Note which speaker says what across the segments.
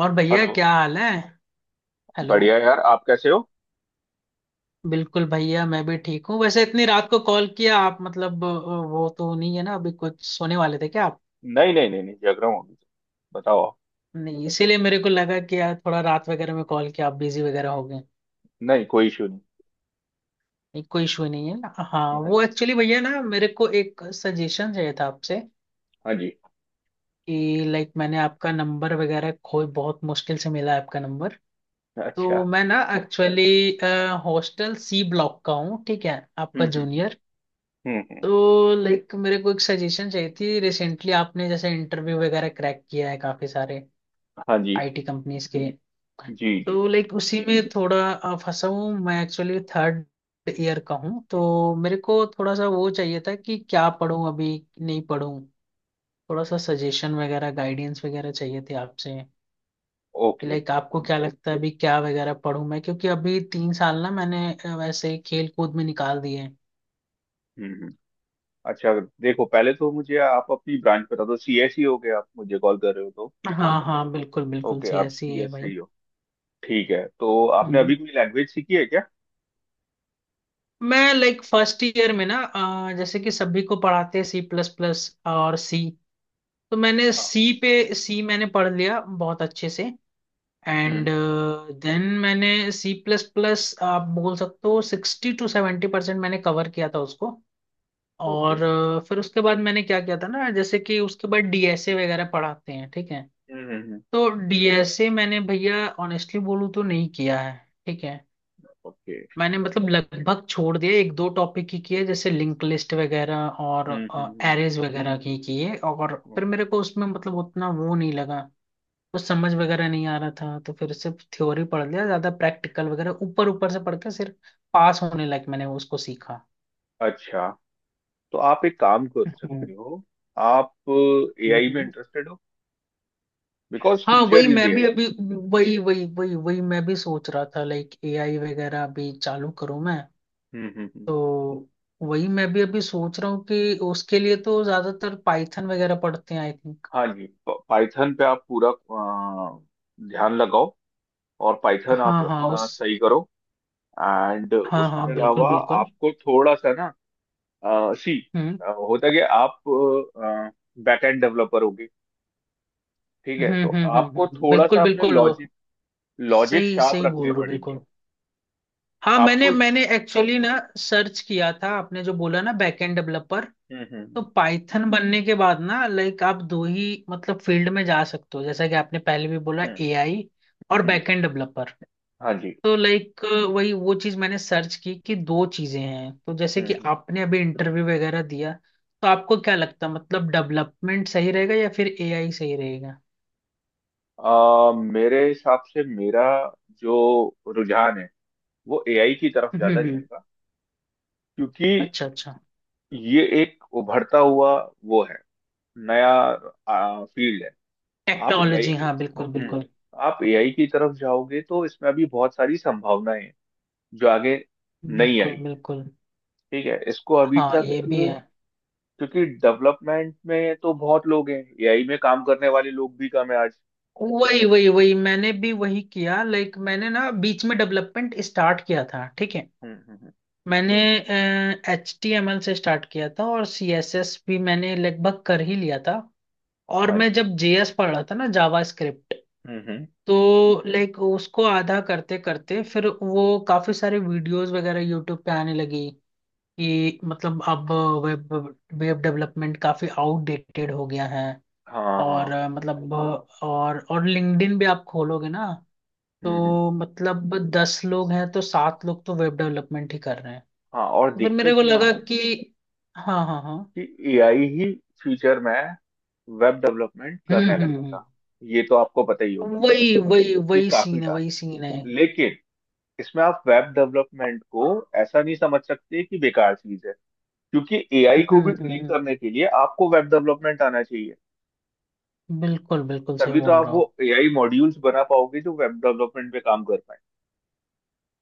Speaker 1: और भैया
Speaker 2: हेलो।
Speaker 1: क्या हाल है? हेलो।
Speaker 2: बढ़िया यार, आप कैसे हो?
Speaker 1: बिल्कुल भैया, मैं भी ठीक हूँ। वैसे इतनी रात को कॉल किया आप, मतलब वो तो नहीं है ना, अभी कुछ सोने वाले थे क्या आप?
Speaker 2: नहीं नहीं नहीं नहीं, जग रहा हूँ अभी तो। बताओ आप।
Speaker 1: नहीं, इसीलिए मेरे को लगा कि यार थोड़ा रात वगैरह में कॉल किया, आप बिजी वगैरह हो गए।
Speaker 2: नहीं कोई इशू नहीं।
Speaker 1: नहीं कोई इशू नहीं है। हाँ,
Speaker 2: हाँ
Speaker 1: वो
Speaker 2: जी।
Speaker 1: एक्चुअली भैया ना, मेरे को एक सजेशन चाहिए था आपसे
Speaker 2: हाँ जी।
Speaker 1: कि लाइक, मैंने आपका नंबर वगैरह खोई, बहुत मुश्किल से मिला है आपका नंबर।
Speaker 2: अच्छा।
Speaker 1: तो मैं ना एक्चुअली हॉस्टल सी ब्लॉक का हूँ, ठीक है, आपका
Speaker 2: हम्म।
Speaker 1: जूनियर।
Speaker 2: हम्म हम्म, हम्म।
Speaker 1: तो लाइक मेरे को एक सजेशन चाहिए थी। रिसेंटली आपने जैसे इंटरव्यू वगैरह क्रैक किया है काफी सारे
Speaker 2: हाँ जी।
Speaker 1: आईटी कंपनीज के,
Speaker 2: जी जी।
Speaker 1: तो लाइक उसी में थोड़ा फंसा हूँ मैं एक्चुअली। थर्ड ईयर का हूँ तो मेरे को थोड़ा सा वो चाहिए था कि क्या पढूं अभी, नहीं पढूं। थोड़ा सा सजेशन वगैरह, गाइडेंस वगैरह चाहिए थे आपसे कि
Speaker 2: ओके।
Speaker 1: लाइक आपको क्या लगता है अभी क्या वगैरह पढूं मैं, क्योंकि अभी 3 साल ना मैंने वैसे खेल कूद में निकाल दिए हैं।
Speaker 2: हम्म हम्म अच्छा देखो पहले तो मुझे आप अपनी ब्रांच बता दो सीएसई हो गए आप मुझे कॉल कर रहे हो तो
Speaker 1: हाँ हाँ, बिल्कुल बिल्कुल,
Speaker 2: ओके
Speaker 1: सी
Speaker 2: आप
Speaker 1: ऐसी है भाई।
Speaker 2: सीएसई हो ठीक है तो आपने
Speaker 1: हम्म।
Speaker 2: अभी कोई लैंग्वेज सीखी है क्या
Speaker 1: मैं लाइक फर्स्ट ईयर में ना जैसे कि सभी को पढ़ाते हैं सी प्लस प्लस और सी, तो मैंने
Speaker 2: हाँ
Speaker 1: सी पे, सी मैंने पढ़ लिया बहुत अच्छे से।
Speaker 2: हम्म
Speaker 1: एंड देन मैंने सी प्लस प्लस, आप बोल सकते हो 60 से 70% मैंने कवर किया था उसको।
Speaker 2: ओके
Speaker 1: और फिर उसके बाद मैंने क्या किया था ना, जैसे कि उसके बाद डीएसए वगैरह पढ़ाते हैं, ठीक है।
Speaker 2: हम्म हम्म हम्म,
Speaker 1: तो डीएसए मैंने भैया ऑनेस्टली बोलूँ तो नहीं किया है, ठीक है।
Speaker 2: ओके
Speaker 1: मैंने मतलब लगभग छोड़ दिया, एक दो टॉपिक ही किए, जैसे लिंक लिस्ट वगैरह और
Speaker 2: हम्म हम्म हम्म
Speaker 1: एरेज वगैरह की किए। और
Speaker 2: हम्म।
Speaker 1: फिर मेरे को उसमें मतलब उतना वो नहीं लगा, कुछ समझ वगैरह नहीं आ रहा था। तो फिर सिर्फ थ्योरी पढ़ लिया, ज्यादा प्रैक्टिकल वगैरह ऊपर ऊपर से पढ़ के, सिर्फ पास होने लायक मैंने उसको सीखा।
Speaker 2: अच्छा। तो आप एक काम कर सकते
Speaker 1: हम्म।
Speaker 2: हो। आप एआई में
Speaker 1: हम्म।
Speaker 2: इंटरेस्टेड हो? बिकॉज
Speaker 1: हाँ, वही
Speaker 2: फ्यूचर इज
Speaker 1: मैं भी
Speaker 2: एआई।
Speaker 1: अभी, वही वही वही वही मैं भी सोच रहा था, लाइक एआई वगैरह अभी चालू करूँ मैं।
Speaker 2: हम्म।
Speaker 1: तो वही मैं भी अभी सोच रहा हूँ कि उसके लिए तो ज्यादातर पाइथन वगैरह पढ़ते हैं, आई थिंक।
Speaker 2: हाँ जी, पाइथन पे आप पूरा ध्यान लगाओ। और पाइथन आप
Speaker 1: हाँ हाँ,
Speaker 2: अपना
Speaker 1: उस,
Speaker 2: सही करो। एंड
Speaker 1: हाँ
Speaker 2: उसके
Speaker 1: हाँ बिल्कुल
Speaker 2: अलावा
Speaker 1: बिल्कुल।
Speaker 2: आपको थोड़ा सा ना, सी
Speaker 1: हम्म
Speaker 2: होता है कि आप बैकएंड डेवलपर होगे। ठीक है, तो आपको थोड़ा
Speaker 1: बिल्कुल
Speaker 2: सा अपने
Speaker 1: बिल्कुल, वो
Speaker 2: लॉजिक लॉजिक
Speaker 1: सही
Speaker 2: शार्प
Speaker 1: सही बोल
Speaker 2: रखने
Speaker 1: रहे हो,
Speaker 2: पड़ेंगे।
Speaker 1: बिल्कुल। हाँ, मैंने
Speaker 2: आपको
Speaker 1: मैंने एक्चुअली ना सर्च किया था, आपने जो बोला ना बैकएंड डेवलपर,
Speaker 2: हम्म
Speaker 1: तो
Speaker 2: हम्म
Speaker 1: पाइथन बनने के बाद ना, लाइक आप दो ही मतलब फील्ड में जा सकते हो, जैसा कि आपने पहले भी बोला,
Speaker 2: हम्म
Speaker 1: एआई और
Speaker 2: हम्म।
Speaker 1: Backend developer.
Speaker 2: हाँ जी।
Speaker 1: तो लाइक वही वो चीज मैंने सर्च की कि दो चीजें हैं। तो जैसे कि
Speaker 2: हम्म।
Speaker 1: आपने अभी इंटरव्यू वगैरह दिया, तो आपको क्या लगता, मतलब डेवलपमेंट सही रहेगा या फिर एआई सही रहेगा?
Speaker 2: मेरे हिसाब से मेरा जो रुझान है वो एआई की तरफ
Speaker 1: हम्म
Speaker 2: ज्यादा
Speaker 1: हम्म,
Speaker 2: जाएगा। क्योंकि
Speaker 1: अच्छा अच्छा।
Speaker 2: ये एक उभरता हुआ वो है, नया फील्ड है। आप एआई
Speaker 1: टेक्नोलॉजी,
Speaker 2: की।
Speaker 1: हाँ बिल्कुल
Speaker 2: हम्म।
Speaker 1: बिल्कुल।
Speaker 2: आप एआई की तरफ जाओगे तो इसमें अभी बहुत सारी संभावनाएं हैं जो आगे नहीं आई
Speaker 1: बिल्कुल
Speaker 2: है।
Speaker 1: बिल्कुल।
Speaker 2: ठीक है, इसको अभी
Speaker 1: हाँ,
Speaker 2: तक।
Speaker 1: ये भी है।
Speaker 2: क्योंकि डेवलपमेंट में तो बहुत लोग हैं, एआई में काम करने वाले लोग भी कम है आज।
Speaker 1: वही वही वही, मैंने भी वही किया। लाइक मैंने ना बीच में डेवलपमेंट स्टार्ट किया था, ठीक है।
Speaker 2: हम्म हम्म हम्म,
Speaker 1: मैंने एच टी एम एल से स्टार्ट किया था, और सी एस एस भी मैंने लगभग कर ही लिया था। और
Speaker 2: हाँ
Speaker 1: मैं
Speaker 2: जी।
Speaker 1: जब जेएस पढ़ रहा था ना, जावा स्क्रिप्ट,
Speaker 2: हम्म।
Speaker 1: तो लाइक उसको आधा करते करते, फिर वो काफी सारे वीडियोस वगैरह यूट्यूब पे आने लगी कि मतलब अब वेब, वेब डेवलपमेंट काफी आउटडेटेड हो गया है।
Speaker 2: हाँ
Speaker 1: और
Speaker 2: हाँ।
Speaker 1: मतलब और लिंक्डइन भी आप खोलोगे ना,
Speaker 2: हम्म।
Speaker 1: तो मतलब 10 लोग हैं तो सात लोग तो वेब डेवलपमेंट ही कर रहे हैं।
Speaker 2: हाँ, और
Speaker 1: तो फिर मेरे
Speaker 2: दिक्कत
Speaker 1: को
Speaker 2: ये
Speaker 1: लगा
Speaker 2: है
Speaker 1: कि, हाँ हाँ हाँ।
Speaker 2: कि एआई ही फ्यूचर में वेब डेवलपमेंट करने
Speaker 1: हम्म।
Speaker 2: लगेगा। ये तो आपको पता ही होगा।
Speaker 1: वही वही
Speaker 2: ये
Speaker 1: वही
Speaker 2: काफी
Speaker 1: सीन है, वही
Speaker 2: टास्क।
Speaker 1: सीन है।
Speaker 2: लेकिन इसमें आप वेब डेवलपमेंट को ऐसा नहीं समझ सकते कि बेकार चीज है। क्योंकि एआई को भी ट्रेन
Speaker 1: हम्म,
Speaker 2: करने के लिए आपको वेब डेवलपमेंट आना चाहिए।
Speaker 1: बिल्कुल बिल्कुल सही
Speaker 2: तभी तो
Speaker 1: बोल
Speaker 2: आप
Speaker 1: रहा
Speaker 2: वो
Speaker 1: हूँ।
Speaker 2: एआई मॉड्यूल्स बना पाओगे जो वेब डेवलपमेंट पे काम कर पाए।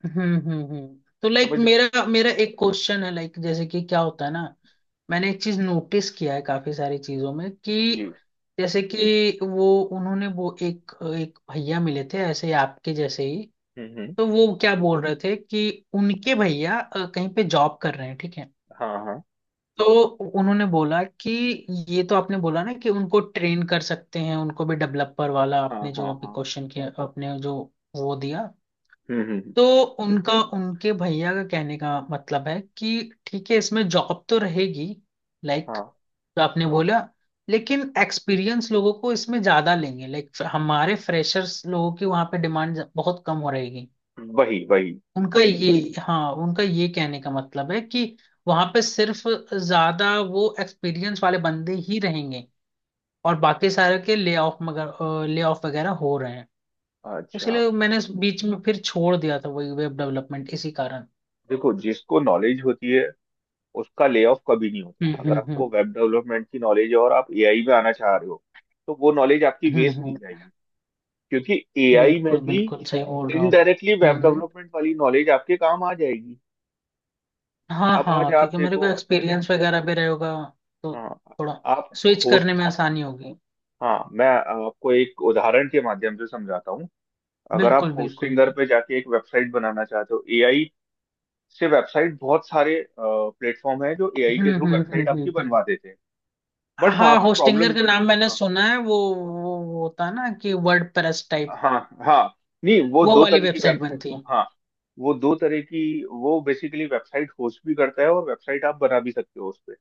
Speaker 1: हम्म। तो लाइक
Speaker 2: समझ लो।
Speaker 1: मेरा मेरा एक क्वेश्चन है, लाइक जैसे कि क्या होता है ना, मैंने एक चीज नोटिस किया है काफी सारी चीजों में कि
Speaker 2: जी।
Speaker 1: जैसे कि वो, उन्होंने वो एक, एक भैया मिले थे ऐसे ही आपके जैसे ही,
Speaker 2: हम्म।
Speaker 1: तो वो क्या बोल रहे थे कि उनके भैया कहीं पे जॉब कर रहे हैं, ठीक है।
Speaker 2: हाँ हाँ
Speaker 1: तो उन्होंने बोला कि, ये तो आपने बोला ना कि उनको ट्रेन कर सकते हैं, उनको भी डेवलपर वाला,
Speaker 2: हाँ
Speaker 1: आपने जो
Speaker 2: हाँ
Speaker 1: अभी
Speaker 2: हाँ।
Speaker 1: क्वेश्चन किया आपने जो वो दिया।
Speaker 2: हम्म हम्म हम्म।
Speaker 1: तो उनका, उनके भैया का कहने का मतलब है कि, ठीक है इसमें जॉब तो रहेगी, लाइक
Speaker 2: हाँ
Speaker 1: जो आपने बोला, लेकिन एक्सपीरियंस लोगों को इसमें ज्यादा लेंगे, लाइक हमारे फ्रेशर्स लोगों की वहां पे डिमांड बहुत कम हो रहेगी।
Speaker 2: वही वही।
Speaker 1: उनका ये, हाँ उनका ये कहने का मतलब है कि वहां पे सिर्फ ज्यादा वो एक्सपीरियंस वाले बंदे ही रहेंगे, और बाकी सारे के ले ऑफ, मगर ले ऑफ वगैरह हो रहे हैं।
Speaker 2: अच्छा,
Speaker 1: इसलिए मैंने बीच में फिर छोड़ दिया था, वही वेब डेवलपमेंट इसी कारण।
Speaker 2: देखो जिसको नॉलेज होती है उसका ले ऑफ कभी नहीं होता।
Speaker 1: हम्म
Speaker 2: अगर
Speaker 1: हम्म
Speaker 2: आपको
Speaker 1: हम्म
Speaker 2: वेब डेवलपमेंट की नॉलेज है और आप एआई में आना चाह रहे हो तो वो नॉलेज आपकी
Speaker 1: हम्म,
Speaker 2: वेस्ट नहीं
Speaker 1: हम्म,
Speaker 2: जाएगी। क्योंकि एआई में
Speaker 1: बिल्कुल
Speaker 2: भी
Speaker 1: बिल्कुल सही बोल रहा हूँ।
Speaker 2: इनडायरेक्टली
Speaker 1: हम्म
Speaker 2: वेब
Speaker 1: हम्म,
Speaker 2: डेवलपमेंट वाली नॉलेज आपके काम आ जाएगी।
Speaker 1: हाँ
Speaker 2: अब आज
Speaker 1: हाँ,
Speaker 2: आप
Speaker 1: क्योंकि मेरे को
Speaker 2: देखो।
Speaker 1: एक्सपीरियंस वगैरह भी रहेगा, तो
Speaker 2: हाँ
Speaker 1: थोड़ा
Speaker 2: आप
Speaker 1: स्विच करने
Speaker 2: होस्ट।
Speaker 1: में आसानी होगी।
Speaker 2: हाँ, मैं आपको एक उदाहरण के माध्यम से समझाता हूँ। अगर आप
Speaker 1: बिल्कुल बिल्कुल।
Speaker 2: होस्टिंगर पे जाके एक वेबसाइट बनाना चाहते हो, एआई से वेबसाइट, बहुत सारे प्लेटफॉर्म है जो एआई के थ्रू वेबसाइट आपकी
Speaker 1: हम्म। हम्म।
Speaker 2: बनवा देते हैं। बट वहां
Speaker 1: हाँ,
Speaker 2: पर प्रॉब्लम।
Speaker 1: होस्टिंगर का नाम मैंने सुना है। वो होता है ना कि वर्ड प्रेस टाइप,
Speaker 2: हाँ हाँ। नहीं वो
Speaker 1: वो
Speaker 2: दो
Speaker 1: वाली
Speaker 2: तरह की
Speaker 1: वेबसाइट
Speaker 2: वेबसाइट।
Speaker 1: बनती है।
Speaker 2: हाँ, वो दो तरह की, वो बेसिकली वेबसाइट होस्ट भी करता है और वेबसाइट आप बना भी सकते हो उस पे।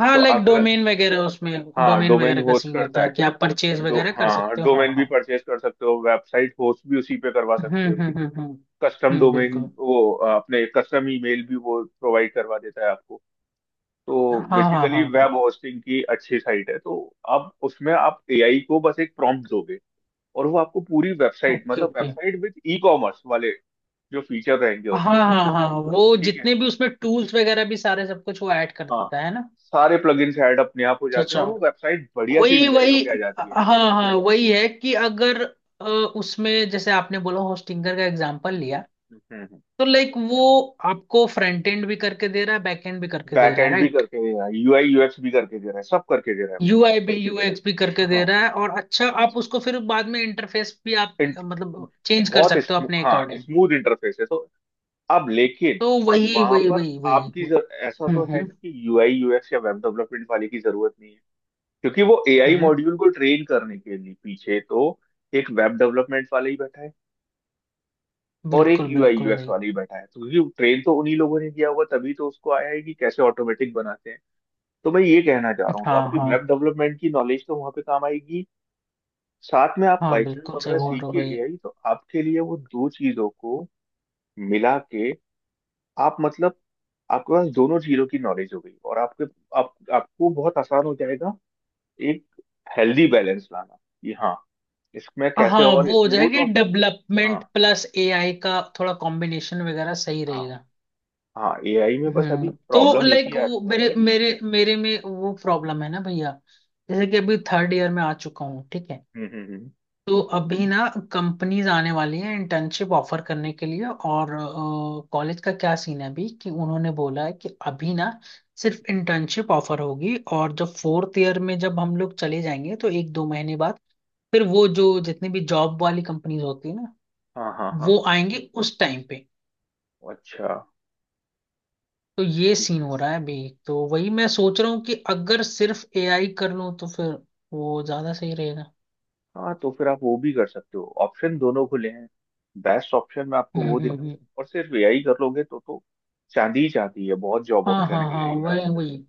Speaker 1: हाँ,
Speaker 2: तो
Speaker 1: लाइक
Speaker 2: अगर,
Speaker 1: डोमेन वगैरह उसमें,
Speaker 2: हाँ
Speaker 1: डोमेन
Speaker 2: डोमेन
Speaker 1: वगैरह का
Speaker 2: होस्ट
Speaker 1: सीन
Speaker 2: करता
Speaker 1: होता है
Speaker 2: है।
Speaker 1: कि आप परचेज
Speaker 2: दो
Speaker 1: वगैरह कर
Speaker 2: हाँ
Speaker 1: सकते हो, हाँ
Speaker 2: डोमेन भी
Speaker 1: हाँ।
Speaker 2: परचेज कर सकते हो, वेबसाइट होस्ट भी उसी पे करवा
Speaker 1: हम्म
Speaker 2: सकते हो।
Speaker 1: हम्म हम्म हम्म
Speaker 2: कस्टम डोमेन
Speaker 1: बिल्कुल।
Speaker 2: वो अपने कस्टम ईमेल भी वो प्रोवाइड करवा देता है आपको। तो
Speaker 1: हाँ हाँ
Speaker 2: बेसिकली
Speaker 1: हाँ हाँ।
Speaker 2: वेब होस्टिंग की अच्छी साइट है तो। अब उसमें आप एआई को बस एक प्रॉम्प्ट दोगे, और वो आपको पूरी वेबसाइट,
Speaker 1: ओके
Speaker 2: मतलब
Speaker 1: okay.
Speaker 2: Website with e commerce वाले जो फीचर रहेंगे
Speaker 1: हाँ
Speaker 2: उसमें।
Speaker 1: हाँ हाँ, वो
Speaker 2: ठीक है।
Speaker 1: जितने भी उसमें टूल्स वगैरह भी सारे सब कुछ वो ऐड कर
Speaker 2: हाँ
Speaker 1: देता है ना।
Speaker 2: सारे प्लगइन्स ऐड अपने आप हो
Speaker 1: अच्छा
Speaker 2: जाते हैं
Speaker 1: अच्छा,
Speaker 2: और वो वेबसाइट बढ़िया सी
Speaker 1: वही
Speaker 2: डिजाइन
Speaker 1: वही।
Speaker 2: होके आ जाती है।
Speaker 1: हाँ। हाँ, वही है कि अगर उसमें जैसे आपने बोला होस्टिंगर का एग्जांपल लिया,
Speaker 2: हम्म।
Speaker 1: तो लाइक वो आपको फ्रंट एंड भी करके दे रहा है, बैक एंड भी करके दे
Speaker 2: बैक
Speaker 1: रहा है,
Speaker 2: एंड भी
Speaker 1: राइट?
Speaker 2: करके दे रहा है, यूआई यूएक्स भी करके दे रहा है, सब करके दे रहा है वो।
Speaker 1: यूआई भी, यूएक्स भी करके दे
Speaker 2: हाँ
Speaker 1: रहा है। और अच्छा, आप उसको फिर बाद में इंटरफेस भी आप
Speaker 2: इंट-
Speaker 1: मतलब चेंज कर
Speaker 2: बहुत
Speaker 1: सकते हो अपने
Speaker 2: हाँ
Speaker 1: अकॉर्डिंग।
Speaker 2: स्मूथ इंटरफेस है तो। अब लेकिन
Speaker 1: तो वही
Speaker 2: वहां
Speaker 1: वही
Speaker 2: पर
Speaker 1: वही वही।
Speaker 2: आपकी ऐसा
Speaker 1: हम्म
Speaker 2: तो है
Speaker 1: हम्म
Speaker 2: नहीं कि यूआई यूएक्स या वेब डेवलपमेंट वाले की जरूरत नहीं है। क्योंकि वो एआई
Speaker 1: हम्म,
Speaker 2: मॉड्यूल को ट्रेन करने के लिए पीछे तो एक वेब डेवलपमेंट वाला ही बैठा है और एक
Speaker 1: बिल्कुल
Speaker 2: यूआई
Speaker 1: बिल्कुल
Speaker 2: यूएक्स
Speaker 1: भाई।
Speaker 2: वाला ही बैठा है। तो क्योंकि ट्रेन तो उन्हीं लोगों ने किया हुआ, तभी तो उसको आया है कि कैसे ऑटोमेटिक बनाते हैं। तो मैं ये कहना चाह रहा हूँ, तो
Speaker 1: हाँ
Speaker 2: आपकी
Speaker 1: हाँ
Speaker 2: वेब डेवलपमेंट की नॉलेज तो वहां पे काम आएगी। साथ में आप
Speaker 1: हाँ
Speaker 2: पाइथन
Speaker 1: बिल्कुल सही
Speaker 2: वगैरह
Speaker 1: बोल
Speaker 2: सीख
Speaker 1: रहे हो
Speaker 2: के
Speaker 1: भाई।
Speaker 2: एआई, तो आपके लिए वो दो चीजों को मिला के, आप मतलब आपके पास दोनों चीजों की नॉलेज हो गई और आपके, आप आपको बहुत आसान हो जाएगा एक हेल्दी बैलेंस लाना। कि हाँ, इसमें
Speaker 1: हाँ,
Speaker 2: कैसे और
Speaker 1: वो हो
Speaker 2: स्मूथ
Speaker 1: जाएगा,
Speaker 2: और। हाँ
Speaker 1: डेवलपमेंट प्लस एआई का थोड़ा कॉम्बिनेशन वगैरह सही
Speaker 2: हाँ
Speaker 1: रहेगा।
Speaker 2: हाँ। एआई में बस अभी
Speaker 1: हम्म। तो
Speaker 2: प्रॉब्लम एक
Speaker 1: लाइक
Speaker 2: ही आ रही।
Speaker 1: वो मेरे मेरे मेरे में वो प्रॉब्लम है ना भैया, जैसे कि अभी थर्ड ईयर में आ चुका हूँ, ठीक है।
Speaker 2: हम्म हम्म हम्म,
Speaker 1: तो अभी ना कंपनीज आने वाली है इंटर्नशिप ऑफर करने के लिए, और कॉलेज का क्या सीन है अभी कि उन्होंने बोला है कि अभी ना सिर्फ इंटर्नशिप ऑफर होगी, और जब फोर्थ ईयर में जब हम लोग चले जाएंगे तो एक दो महीने बाद फिर वो जो जितनी भी जॉब वाली कंपनीज होती है ना,
Speaker 2: हाँ हाँ हाँ।
Speaker 1: वो आएंगी उस टाइम पे।
Speaker 2: अच्छा।
Speaker 1: तो ये
Speaker 2: ठीक
Speaker 1: सीन
Speaker 2: है।
Speaker 1: हो रहा है अभी। तो वही मैं सोच रहा हूँ कि अगर सिर्फ एआई कर लूँ तो फिर वो ज्यादा सही रहेगा।
Speaker 2: हाँ तो फिर आप वो भी कर सकते हो, ऑप्शन दोनों खुले हैं। बेस्ट ऑप्शन मैं आपको
Speaker 1: हम्म
Speaker 2: वो दे
Speaker 1: हम्म,
Speaker 2: रहा हूँ,
Speaker 1: हम्म।
Speaker 2: और सिर्फ एआई कर लोगे तो चांदी ही चाहती है, बहुत जॉब
Speaker 1: हाँ
Speaker 2: ऑप्शन
Speaker 1: हाँ
Speaker 2: है
Speaker 1: हाँ।
Speaker 2: एआई में
Speaker 1: वही
Speaker 2: आजकल।
Speaker 1: वही,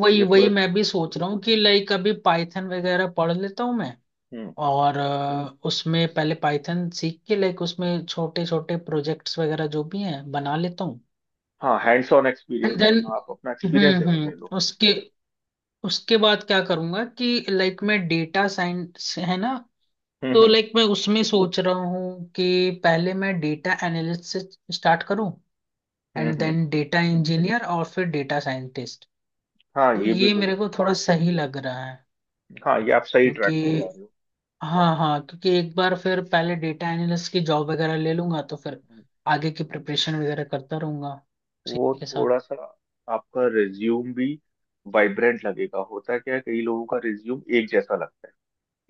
Speaker 1: वही
Speaker 2: ये
Speaker 1: वही
Speaker 2: पूरा।
Speaker 1: मैं भी सोच रहा हूँ कि लाइक अभी पाइथन वगैरह पढ़ लेता हूँ मैं,
Speaker 2: हम्म।
Speaker 1: और उसमें पहले पाइथन सीख के लाइक उसमें छोटे छोटे प्रोजेक्ट्स वगैरह जो भी हैं बना लेता हूँ।
Speaker 2: हाँ hands on
Speaker 1: and
Speaker 2: experience,
Speaker 1: then,
Speaker 2: मतलब आप अपना एक्सपीरियंस जरूर ले लो।
Speaker 1: हम्म, उसके उसके बाद क्या करूंगा कि लाइक, मैं डेटा साइंस है ना,
Speaker 2: हम्म
Speaker 1: तो
Speaker 2: हम्म
Speaker 1: लाइक मैं उसमें सोच रहा हूँ कि पहले मैं डेटा एनालिस्ट से स्टार्ट करूँ,
Speaker 2: हम्म
Speaker 1: एंड
Speaker 2: हम्म,
Speaker 1: देन डेटा इंजीनियर, और फिर डेटा साइंटिस्ट।
Speaker 2: हाँ
Speaker 1: तो
Speaker 2: ये भी
Speaker 1: ये
Speaker 2: बड़े।
Speaker 1: मेरे को थोड़ा सही लग रहा है,
Speaker 2: हाँ ये आप सही
Speaker 1: क्योंकि
Speaker 2: ट्रैक पे जा रहे
Speaker 1: हाँ हाँ, क्योंकि एक बार फिर पहले डेटा एनालिस्ट की जॉब वगैरह ले लूंगा तो फिर
Speaker 2: हो।
Speaker 1: आगे की प्रिपरेशन वगैरह करता रहूंगा उसी
Speaker 2: वो
Speaker 1: के साथ।
Speaker 2: थोड़ा सा आपका रिज्यूम भी वाइब्रेंट लगेगा। होता क्या है, कई लोगों का रिज्यूम एक जैसा लगता है।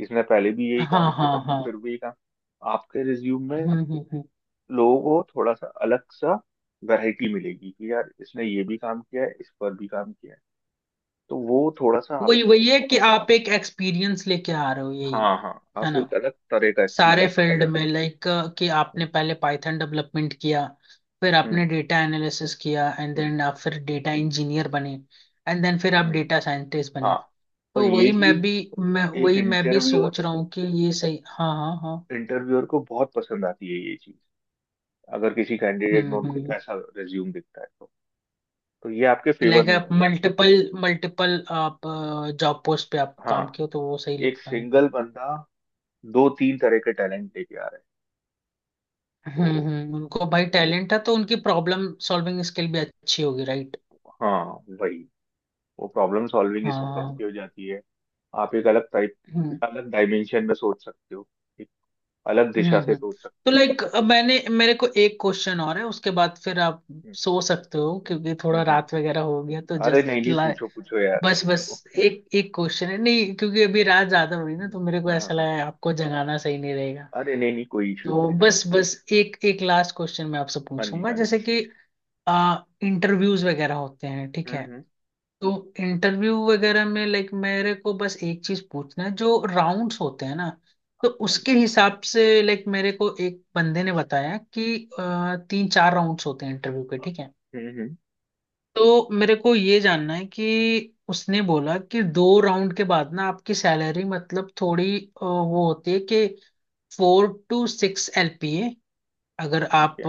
Speaker 2: इसने पहले भी यही काम
Speaker 1: हाँ
Speaker 2: किया
Speaker 1: हाँ
Speaker 2: है
Speaker 1: हाँ।
Speaker 2: फिर भी यही काम। आपके रिज्यूम में
Speaker 1: हम्म।
Speaker 2: लोगों को थोड़ा सा अलग सा वैरायटी मिलेगी कि यार, इसने ये भी काम किया है, इस पर भी काम किया है। तो वो थोड़ा सा आप,
Speaker 1: वही वही है कि आप एक एक्सपीरियंस लेके आ रहे हो यही,
Speaker 2: हाँ हाँ,
Speaker 1: है
Speaker 2: आप
Speaker 1: ना,
Speaker 2: एक अलग तरह का
Speaker 1: सारे
Speaker 2: एक्सपीरियंस
Speaker 1: फील्ड
Speaker 2: लेके आ
Speaker 1: में, लाइक कि
Speaker 2: रहे
Speaker 1: आपने
Speaker 2: हो।
Speaker 1: पहले पाइथन डेवलपमेंट किया, फिर
Speaker 2: हम्म
Speaker 1: आपने डेटा एनालिसिस किया, एंड
Speaker 2: हम्म,
Speaker 1: देन आप फिर डेटा इंजीनियर बने, एंड देन फिर आप
Speaker 2: हम्म,
Speaker 1: डेटा साइंटिस्ट बने।
Speaker 2: हाँ। और
Speaker 1: तो
Speaker 2: ये
Speaker 1: वही मैं
Speaker 2: चीज
Speaker 1: भी, मैं
Speaker 2: एक
Speaker 1: वही, मैं भी
Speaker 2: इंटरव्यूअर,
Speaker 1: सोच रहा हूँ कि ये सही, हाँ हाँ हाँ।
Speaker 2: इंटरव्यूअर को बहुत पसंद आती है ये चीज। अगर किसी कैंडिडेट में उनको
Speaker 1: हम्म।
Speaker 2: ऐसा रिज्यूम दिखता है तो ये आपके फेवर
Speaker 1: लाइक
Speaker 2: में
Speaker 1: आप
Speaker 2: जाएगा।
Speaker 1: मल्टीपल मल्टीपल आप जॉब पोस्ट पे आप काम
Speaker 2: हाँ
Speaker 1: किए हो, तो वो सही
Speaker 2: एक
Speaker 1: लगता है उनको।
Speaker 2: सिंगल बंदा दो तीन तरह के टैलेंट लेके आ रहा है तो।
Speaker 1: हम्म, उनको भाई टैलेंट है तो उनकी प्रॉब्लम सॉल्विंग स्किल भी अच्छी होगी, राइट?
Speaker 2: हाँ वही, वो प्रॉब्लम
Speaker 1: हाँ
Speaker 2: सॉल्विंग
Speaker 1: हाँ,
Speaker 2: स्किल अच्छी
Speaker 1: हाँ।
Speaker 2: हो जाती है। आप एक अलग टाइप,
Speaker 1: हम्म
Speaker 2: अलग डायमेंशन में सोच सकते हो। एक अलग
Speaker 1: हम्म
Speaker 2: दिशा से
Speaker 1: हम्म।
Speaker 2: सोच सकते
Speaker 1: तो
Speaker 2: हो।
Speaker 1: लाइक मैंने, मेरे को एक क्वेश्चन और है, उसके बाद फिर आप
Speaker 2: हम्म
Speaker 1: सो सकते हो, क्योंकि
Speaker 2: हम्म,
Speaker 1: थोड़ा
Speaker 2: हम्म।
Speaker 1: रात वगैरह हो गया। तो
Speaker 2: अरे नहीं
Speaker 1: जस्ट,
Speaker 2: नहीं, पूछो पूछो यार
Speaker 1: बस बस,
Speaker 2: आपको।
Speaker 1: एक एक क्वेश्चन है, नहीं क्योंकि अभी रात ज्यादा हो रही ना तो मेरे को
Speaker 2: हाँ हाँ
Speaker 1: ऐसा
Speaker 2: हाँ।
Speaker 1: लगा आपको जगाना सही नहीं रहेगा।
Speaker 2: अरे नहीं नहीं, कोई इशू नहीं
Speaker 1: तो
Speaker 2: है।
Speaker 1: बस बस, एक एक लास्ट क्वेश्चन मैं आपसे
Speaker 2: हाँ जी।
Speaker 1: पूछूंगा,
Speaker 2: हाँ जी।
Speaker 1: जैसे कि आ इंटरव्यूज वगैरह होते हैं, ठीक है।
Speaker 2: हम्म
Speaker 1: तो इंटरव्यू वगैरह में लाइक मेरे को बस एक चीज पूछना है, जो राउंड्स होते हैं ना, तो
Speaker 2: हम्म
Speaker 1: उसके हिसाब से लाइक मेरे को एक बंदे ने बताया कि तीन चार राउंड्स होते हैं इंटरव्यू के, ठीक है।
Speaker 2: हम्म।
Speaker 1: तो मेरे को ये जानना है कि उसने बोला कि दो राउंड के बाद ना आपकी सैलरी मतलब थोड़ी वो होती है, कि फोर टू सिक्स एलपीए, अगर आप
Speaker 2: ओके।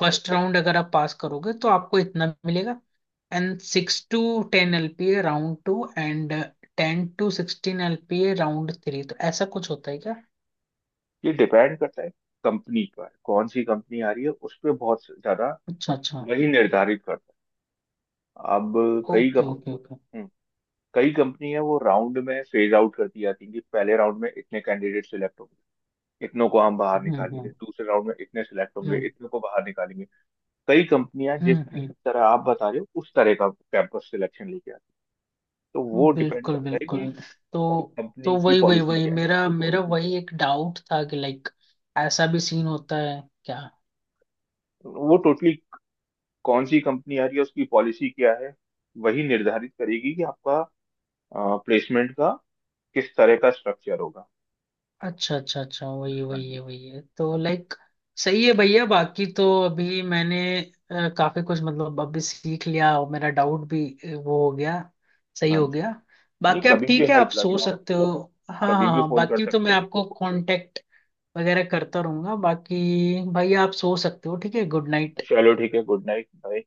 Speaker 1: फर्स्ट राउंड अगर आप पास करोगे तो आपको इतना मिलेगा, and 6 to 10 LPA round two, and 10 to 16 LPA round three. तो ऐसा कुछ होता है क्या?
Speaker 2: ये डिपेंड करता है कंपनी पर, कौन सी कंपनी आ रही है उस पे बहुत ज्यादा
Speaker 1: अच्छा अच्छा।
Speaker 2: वही निर्धारित करता है। अब कई
Speaker 1: ओके
Speaker 2: कंप।
Speaker 1: Okay okay.
Speaker 2: हम्म, कई कंपनी है वो राउंड में फेज आउट करती जाती है कि पहले राउंड में इतने कैंडिडेट सिलेक्ट होंगे, इतनों को हम बाहर
Speaker 1: हम्म
Speaker 2: निकालेंगे।
Speaker 1: हम्म
Speaker 2: दूसरे राउंड में इतने सिलेक्ट होंगे,
Speaker 1: हम्म
Speaker 2: इतने को बाहर निकालेंगे। कई कंपनियां जिस
Speaker 1: हम्म
Speaker 2: तरह आप बता रहे हो उस तरह का कैंपस सिलेक्शन लेके आती है। तो वो डिपेंड
Speaker 1: बिल्कुल
Speaker 2: करता है कि
Speaker 1: बिल्कुल। तो तो
Speaker 2: कंपनी की
Speaker 1: वही वही
Speaker 2: पॉलिसी
Speaker 1: वही,
Speaker 2: क्या
Speaker 1: मेरा मेरा वही एक डाउट था कि लाइक ऐसा भी सीन होता है क्या?
Speaker 2: है। वो टोटली कौन सी कंपनी आ रही है उसकी पॉलिसी क्या है, वही निर्धारित करेगी कि आपका प्लेसमेंट का किस तरह का स्ट्रक्चर होगा।
Speaker 1: अच्छा अच्छा अच्छा, वही
Speaker 2: हाँ
Speaker 1: वही
Speaker 2: जी।
Speaker 1: है, वही है। तो लाइक सही है भैया, बाकी तो अभी मैंने काफी कुछ मतलब अभी सीख लिया, और मेरा डाउट भी वो हो गया, सही
Speaker 2: हाँ
Speaker 1: हो
Speaker 2: जी,
Speaker 1: गया।
Speaker 2: नहीं
Speaker 1: बाकी आप,
Speaker 2: कभी भी
Speaker 1: ठीक है, आप
Speaker 2: हेल्प
Speaker 1: सो
Speaker 2: लगे आप
Speaker 1: सकते हो। हाँ
Speaker 2: कभी
Speaker 1: हाँ
Speaker 2: भी
Speaker 1: हाँ,
Speaker 2: फोन कर
Speaker 1: बाकी तो
Speaker 2: सकते
Speaker 1: मैं
Speaker 2: हो।
Speaker 1: आपको कांटेक्ट वगैरह करता रहूंगा। बाकी भैया आप सो सकते हो, ठीक है, गुड नाइट।
Speaker 2: चलो ठीक है, गुड नाइट, बाय।